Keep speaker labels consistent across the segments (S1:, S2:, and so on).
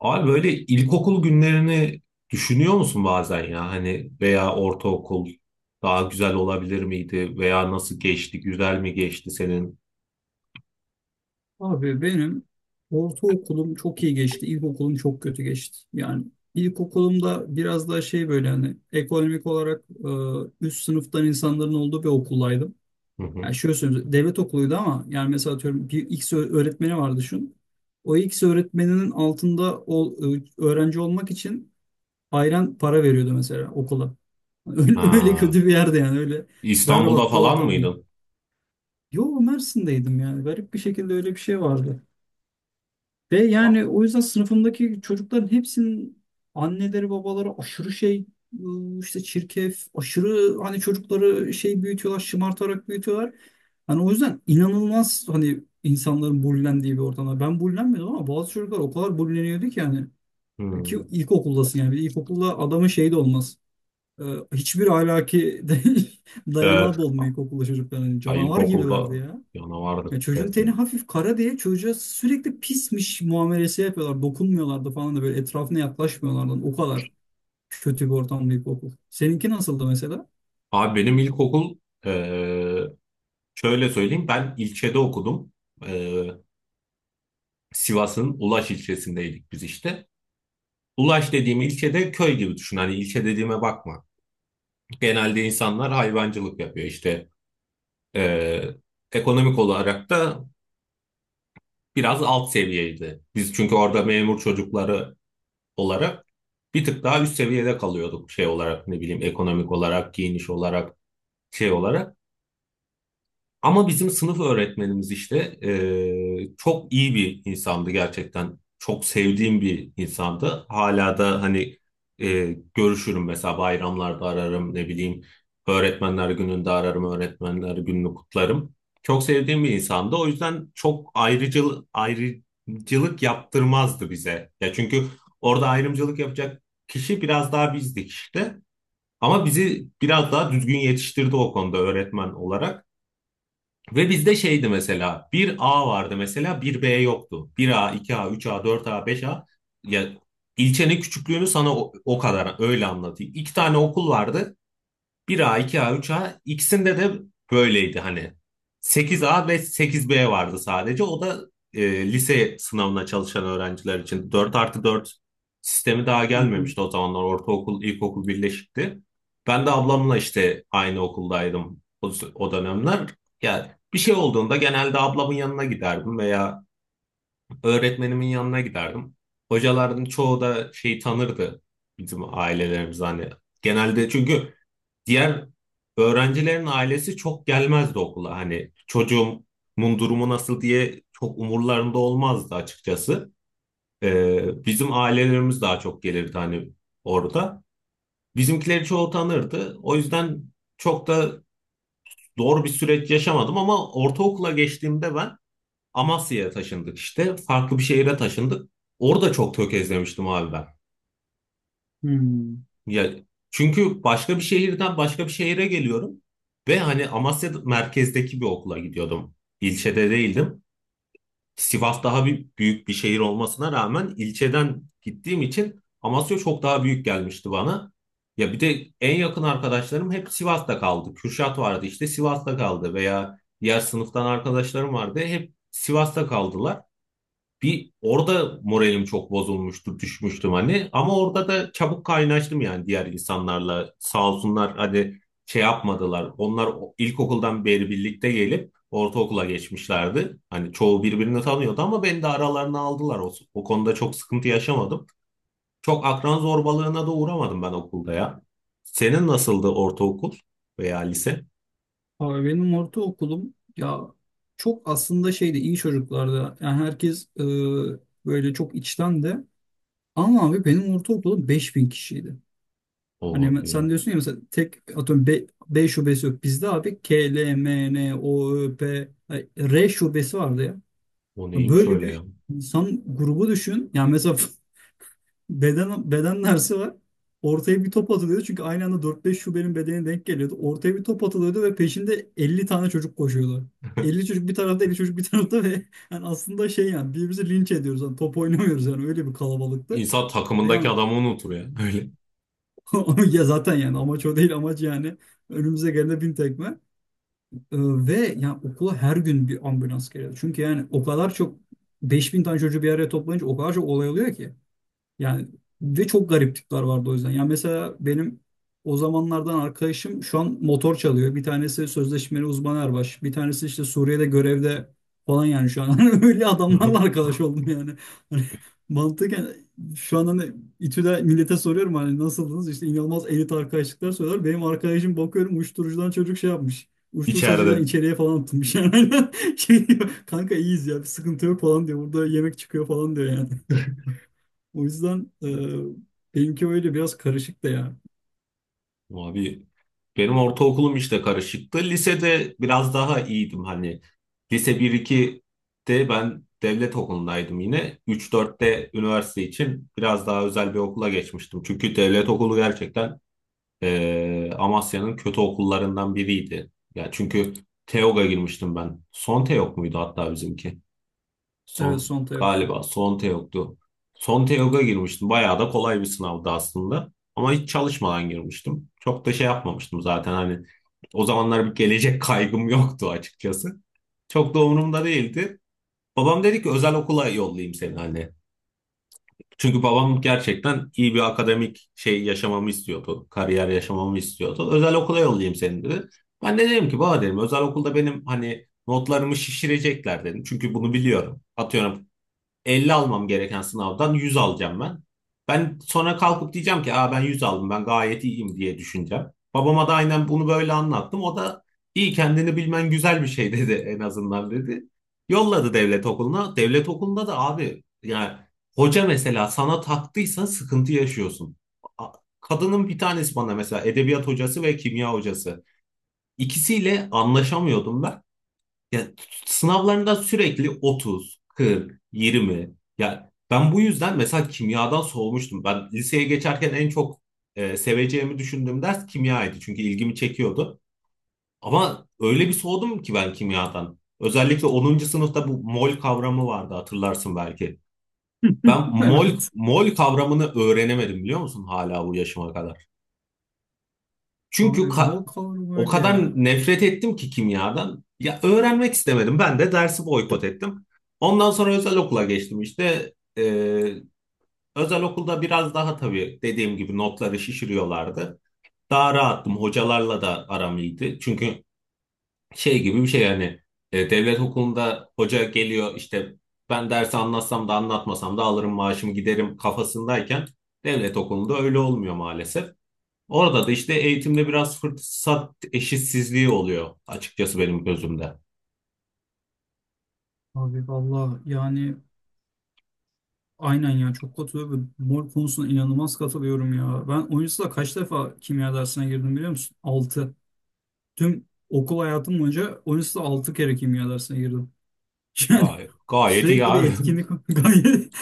S1: Abi böyle ilkokul günlerini düşünüyor musun bazen ya hani veya ortaokul daha güzel olabilir miydi veya nasıl geçti güzel mi geçti senin?
S2: Abi benim ortaokulum çok iyi geçti. İlkokulum çok kötü geçti. Yani ilkokulumda biraz daha şey böyle hani ekonomik olarak üst sınıftan insanların olduğu bir okuldaydım.
S1: Hı hı.
S2: Yani şöyle söyleyeyim, devlet okuluydu ama yani mesela atıyorum bir X öğretmeni var düşün. O X öğretmeninin altında o öğrenci olmak için ayran para veriyordu mesela okula. Öyle, öyle
S1: Ha,
S2: kötü bir yerde, yani öyle
S1: İstanbul'da
S2: berbat bir
S1: falan
S2: ortamdı.
S1: mıydın?
S2: Yo, Mersin'deydim, yani garip bir şekilde öyle bir şey vardı. Ve
S1: Va-
S2: yani o yüzden sınıfımdaki çocukların hepsinin anneleri babaları aşırı şey, işte çirkef, aşırı hani çocukları şey büyütüyorlar, şımartarak büyütüyorlar. Hani o yüzden inanılmaz hani insanların bullendiği bir ortamda. Ben bullenmiyordum ama bazı çocuklar o kadar bulleniyordu ki yani. Ki
S1: Hmm.
S2: ilkokuldasın yani. Bir de ilkokulda adamın şeyi de olmaz. Ee, hiçbir ahlaki dayanağı
S1: Evet.
S2: da olmuyor ilkokulda çocukların. Hani
S1: Ha,
S2: canavar
S1: ilkokulda
S2: gibilerdi ya.
S1: yana
S2: Ya
S1: vardı
S2: çocuğun teni
S1: resmen.
S2: hafif kara diye çocuğa sürekli pismiş muamelesi yapıyorlar. Dokunmuyorlardı falan da, böyle etrafına yaklaşmıyorlardı. O kadar kötü bir ortam, bir okul. Seninki nasıldı mesela?
S1: Abi, benim ilkokul, eee şöyle söyleyeyim, ben ilçede okudum. Eee, Sivas'ın Ulaş ilçesindeydik biz işte. Ulaş dediğim ilçede köy gibi düşün. Hani ilçe dediğime bakma. Genelde insanlar hayvancılık yapıyor işte. Eee, ekonomik olarak da biraz alt seviyeydi. Biz çünkü orada memur çocukları olarak bir tık daha üst seviyede kalıyorduk, şey olarak, ne bileyim, ekonomik olarak, giyiniş olarak, şey olarak. Ama bizim sınıf öğretmenimiz işte çok iyi bir insandı gerçekten. Çok sevdiğim bir insandı. Hala da hani görüşürüm, mesela bayramlarda ararım, ne bileyim, öğretmenler gününde ararım, öğretmenler gününü kutlarım. Çok sevdiğim bir insandı. O yüzden çok ayrıcılık yaptırmazdı bize. Ya çünkü orada ayrımcılık yapacak kişi biraz daha bizdik işte. Ama bizi biraz daha düzgün yetiştirdi o konuda öğretmen olarak. Ve bizde şeydi mesela, bir a vardı mesela, bir b yoktu. Bir a, iki a, üç a, dört a, beş a. Ya ilçenin küçüklüğünü sana o kadar öyle anlatayım. İki tane okul vardı, bir a, iki a, üç a, ikisinde de böyleydi hani. Sekiz a ve sekiz b vardı sadece. O da lise sınavına çalışan öğrenciler için. Dört artı 4 sistemi daha
S2: Hı hı.
S1: gelmemişti o zamanlar. Ortaokul, ilkokul birleşikti. Ben de ablamla işte aynı okuldaydım o dönemler. Yani bir şey olduğunda genelde ablamın yanına giderdim veya öğretmenimin yanına giderdim. Hocaların çoğu da şeyi tanırdı, bizim ailelerimiz hani. Genelde çünkü diğer öğrencilerin ailesi çok gelmezdi okula. Hani çocuğumun durumu nasıl diye çok umurlarında olmazdı açıkçası. Bizim ailelerimiz daha çok gelirdi hani orada. Bizimkileri çoğu tanırdı. O yüzden çok da doğru bir süreç yaşamadım, ama ortaokula geçtiğimde ben Amasya'ya taşındık işte. Farklı bir şehire taşındık. Orada çok tökezlemiştim abi ben.
S2: Hmm.
S1: Ya çünkü başka bir şehirden başka bir şehire geliyorum ve hani Amasya merkezdeki bir okula gidiyordum. İlçede değildim. Sivas daha bir, büyük bir şehir olmasına rağmen ilçeden gittiğim için Amasya çok daha büyük gelmişti bana. Ya bir de en yakın arkadaşlarım hep Sivas'ta kaldı. Kürşat vardı işte Sivas'ta kaldı, veya diğer sınıftan arkadaşlarım vardı hep Sivas'ta kaldılar. Bir orada moralim çok bozulmuştu, düşmüştüm hani. Ama orada da çabuk kaynaştım yani diğer insanlarla. Sağ olsunlar, hani şey yapmadılar. Onlar ilkokuldan beri birlikte gelip ortaokula geçmişlerdi. Hani çoğu birbirini tanıyordu ama beni de aralarına aldılar. O konuda çok sıkıntı yaşamadım. Çok akran zorbalığına da uğramadım ben okulda ya. Senin nasıldı ortaokul veya lise?
S2: Abi benim ortaokulum ya, çok aslında şeydi, iyi çocuklardı. Yani herkes böyle çok içten de. Ama abi benim ortaokulum 5.000 kişiydi.
S1: O
S2: Hani sen
S1: abi,
S2: diyorsun ya mesela, tek atıyorum B, B şubesi yok. Bizde abi K, L, M, N, O, Ö, P, ay, R şubesi vardı ya.
S1: o neymiş
S2: Böyle
S1: öyle
S2: bir
S1: ya?
S2: insan grubu düşün. Yani mesela beden dersi var. Ortaya bir top atılıyordu. Çünkü aynı anda 4-5 şubenin bedeni denk geliyordu. Ortaya bir top atılıyordu ve peşinde 50 tane çocuk koşuyordu. 50 çocuk bir tarafta, 50 çocuk bir tarafta ve yani aslında şey, yani birbirimizi linç ediyoruz. Yani top oynamıyoruz, yani öyle bir kalabalıktı.
S1: İnsan
S2: Ve
S1: takımındaki
S2: yani
S1: adamı unutur ya. Öyle.
S2: ya zaten yani amaç o değil, amaç yani önümüze gelene bin tekme. Ee, ve yani okula her gün bir ambulans geliyor. Çünkü yani o kadar çok, 5.000 tane çocuğu bir araya toplayınca o kadar çok olay oluyor ki. Yani ve çok garip tipler vardı o yüzden. Yani mesela benim o zamanlardan arkadaşım şu an motor çalıyor. Bir tanesi sözleşmeli uzman erbaş. Bir tanesi işte Suriye'de görevde falan yani şu an. Hani öyle adamlarla arkadaş oldum yani. Hani mantıken şu an hani İTÜ'de millete soruyorum, hani nasıldınız? İşte inanılmaz elit arkadaşlıklar söylüyorlar. Benim arkadaşım bakıyorum uyuşturucudan çocuk şey yapmış. Uyuşturucudan
S1: İçeride.
S2: içeriye falan atılmış yani. Şey diyor, kanka iyiyiz ya, bir sıkıntı yok falan diyor. Burada yemek çıkıyor falan diyor yani. O yüzden benimki öyle biraz karışık da ya.
S1: Abi, benim ortaokulum işte karışıktı. Lisede biraz daha iyiydim hani. Lise 1-2'de ben devlet okulundaydım yine. 3-4'te üniversite için biraz daha özel bir okula geçmiştim. Çünkü devlet okulu gerçekten Amasya'nın kötü okullarından biriydi. Ya çünkü TEOG'a girmiştim ben. Son TEOG muydu hatta bizimki?
S2: Evet,
S1: Son,
S2: Sonta yoktu.
S1: galiba son yoktu. Son Teok'a girmiştim. Bayağı da kolay bir sınavdı aslında. Ama hiç çalışmadan girmiştim. Çok da şey yapmamıştım zaten, hani o zamanlar bir gelecek kaygım yoktu açıkçası. Çok da umurumda değildi. Babam dedi ki özel okula yollayayım seni hani. Çünkü babam gerçekten iyi bir akademik şey yaşamamı istiyordu. Kariyer yaşamamı istiyordu. Özel okula yollayayım seni dedi. Ben de dedim ki, baba dedim, özel okulda benim hani notlarımı şişirecekler dedim. Çünkü bunu biliyorum. Atıyorum 50 almam gereken sınavdan 100 alacağım ben. Ben sonra kalkıp diyeceğim ki, aa, ben 100 aldım, ben gayet iyiyim diye düşüneceğim. Babama da aynen bunu böyle anlattım. O da iyi, kendini bilmen güzel bir şey dedi, en azından dedi. Yolladı devlet okuluna. Devlet okulunda da abi yani hoca mesela sana taktıysa sıkıntı yaşıyorsun. A- Kadının bir tanesi bana mesela edebiyat hocası ve kimya hocası. İkisiyle anlaşamıyordum ben. Ya sınavlarında sürekli 30, 40, 20. Ya ben bu yüzden mesela kimyadan soğumuştum. Ben liseye geçerken en çok seveceğimi düşündüğüm ders kimyaydı. Çünkü ilgimi çekiyordu. Ama öyle bir soğudum ki ben kimyadan. Özellikle onuncu sınıfta bu mol kavramı vardı, hatırlarsın belki. Ben mol
S2: Evet.
S1: mol kavramını öğrenemedim biliyor musun, hala bu yaşıma kadar. Çünkü
S2: Abi mol kavramı
S1: o
S2: öyle
S1: kadar
S2: ya.
S1: nefret ettim ki kimyadan. Ya öğrenmek istemedim. Ben de dersi boykot ettim. Ondan sonra özel okula geçtim işte. Özel okulda biraz daha, tabii dediğim gibi, notları şişiriyorlardı. Daha rahattım. Hocalarla da aram iyiydi. Çünkü şey gibi bir şey yani, devlet okulunda hoca geliyor işte, ben dersi anlatsam da anlatmasam da alırım maaşımı giderim kafasındayken, devlet okulunda öyle olmuyor maalesef. Orada da işte eğitimde biraz fırsat eşitsizliği oluyor açıkçası benim gözümde.
S2: Abi valla yani aynen ya, çok katılıyorum. Mol konusuna inanılmaz katılıyorum ya. Ben o yüzden kaç defa kimya dersine girdim biliyor musun? 6. Tüm okul hayatım boyunca o yüzden 6 kere kimya dersine girdim. Yani
S1: Gayet, gayet iyi
S2: sürekli bir
S1: abi.
S2: etkinlik gayet.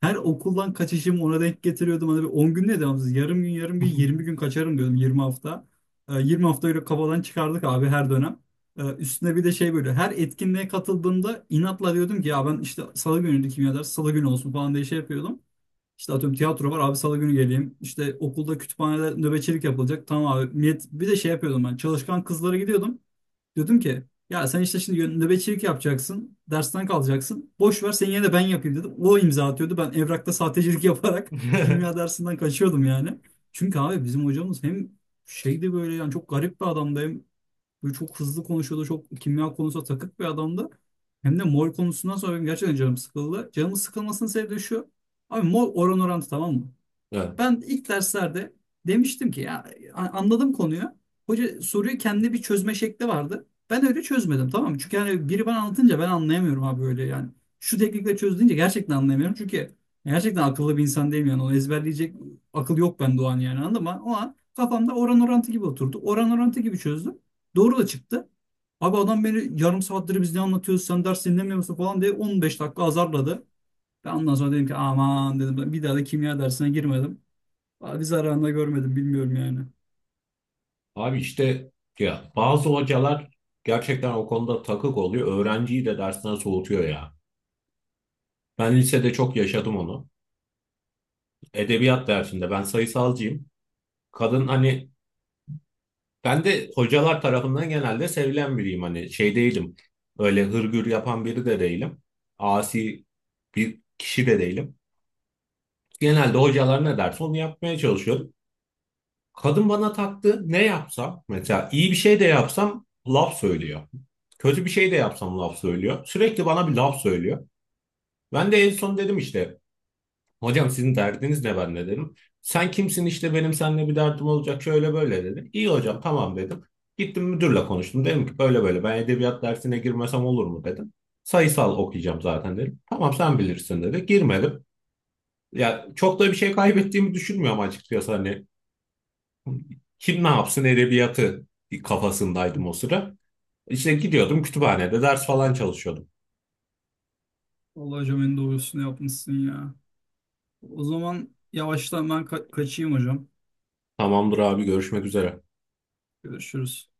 S2: Her okuldan kaçışımı ona denk getiriyordum. Hani bir 10 gün ne devamsız? Yarım gün, yarım gün, 20 gün kaçarım diyordum. 20 hafta. 20 hafta öyle kafadan çıkardık abi her dönem. Üstüne bir de şey, böyle her etkinliğe katıldığımda inatla diyordum ki ya, ben işte salı günüydü kimya dersi, salı günü olsun falan diye şey yapıyordum. İşte atıyorum tiyatro var abi, salı günü geleyim. İşte okulda kütüphanede nöbetçilik yapılacak. Tamam abi. Bir de şey yapıyordum, ben çalışkan kızlara gidiyordum. Diyordum ki ya, sen işte şimdi nöbetçilik yapacaksın. Dersten kalacaksın. Boş ver, sen yine de, ben yapayım dedim. O imza atıyordu. Ben evrakta sahtecilik yaparak kimya dersinden kaçıyordum yani. Çünkü abi bizim hocamız hem şeydi, böyle yani çok garip bir adamdı. Hem böyle çok hızlı konuşuyordu. Çok kimya konusunda takık bir adamdı. Hem de mol konusundan sonra benim gerçekten canım sıkıldı. Canımın sıkılmasının sebebi de şu. Abi mol oran orantı, tamam mı?
S1: Evet.
S2: Ben ilk derslerde demiştim ki ya anladım konuyu. Hoca soruyu, kendi bir çözme şekli vardı. Ben öyle çözmedim, tamam mı? Çünkü yani biri bana anlatınca ben anlayamıyorum abi öyle yani. Şu teknikle çöz deyince gerçekten anlayamıyorum. Çünkü gerçekten akıllı bir insan değilim yani. Onu ezberleyecek akıl yok bende o an yani, anladın mı? O an kafamda oran orantı gibi oturdu. Oran orantı gibi çözdüm. Doğru da çıktı. Abi adam beni, yarım saattir biz ne anlatıyoruz, sen ders dinlemiyor musun falan diye 15 dakika azarladı. Ben ondan sonra dedim ki aman, dedim bir daha da kimya dersine girmedim. Abi zararında görmedim, bilmiyorum yani.
S1: Abi işte ya, bazı hocalar gerçekten o konuda takık oluyor. Öğrenciyi de dersten soğutuyor ya. Ben lisede çok yaşadım onu. Edebiyat dersinde, ben sayısalcıyım. Kadın hani, ben de hocalar tarafından genelde sevilen biriyim, hani şey değilim. Öyle hırgür yapan biri de değilim. Asi bir kişi de değilim. Genelde hocalar ne derse onu yapmaya çalışıyorum. Kadın bana taktı, ne yapsam mesela, iyi bir şey de yapsam laf söylüyor. Kötü bir şey de yapsam laf söylüyor. Sürekli bana bir laf söylüyor. Ben de en son dedim işte, hocam sizin derdiniz ne ben de dedim. Sen kimsin, işte benim seninle bir derdim olacak, şöyle böyle dedi. İyi hocam tamam dedim. Gittim müdürle konuştum. Dedim ki böyle böyle, ben edebiyat dersine girmesem olur mu dedim. Sayısal okuyacağım zaten dedim. Tamam sen bilirsin dedi. Girmedim. Ya çok da bir şey kaybettiğimi düşünmüyorum açıkçası hani. Kim ne yapsın edebiyatı kafasındaydım o sıra. İşte gidiyordum, kütüphanede ders falan çalışıyordum.
S2: Vallahi hocam, en doğrusunu yapmışsın ya. O zaman yavaştan ben kaçayım hocam.
S1: Tamamdır abi, görüşmek üzere.
S2: Görüşürüz.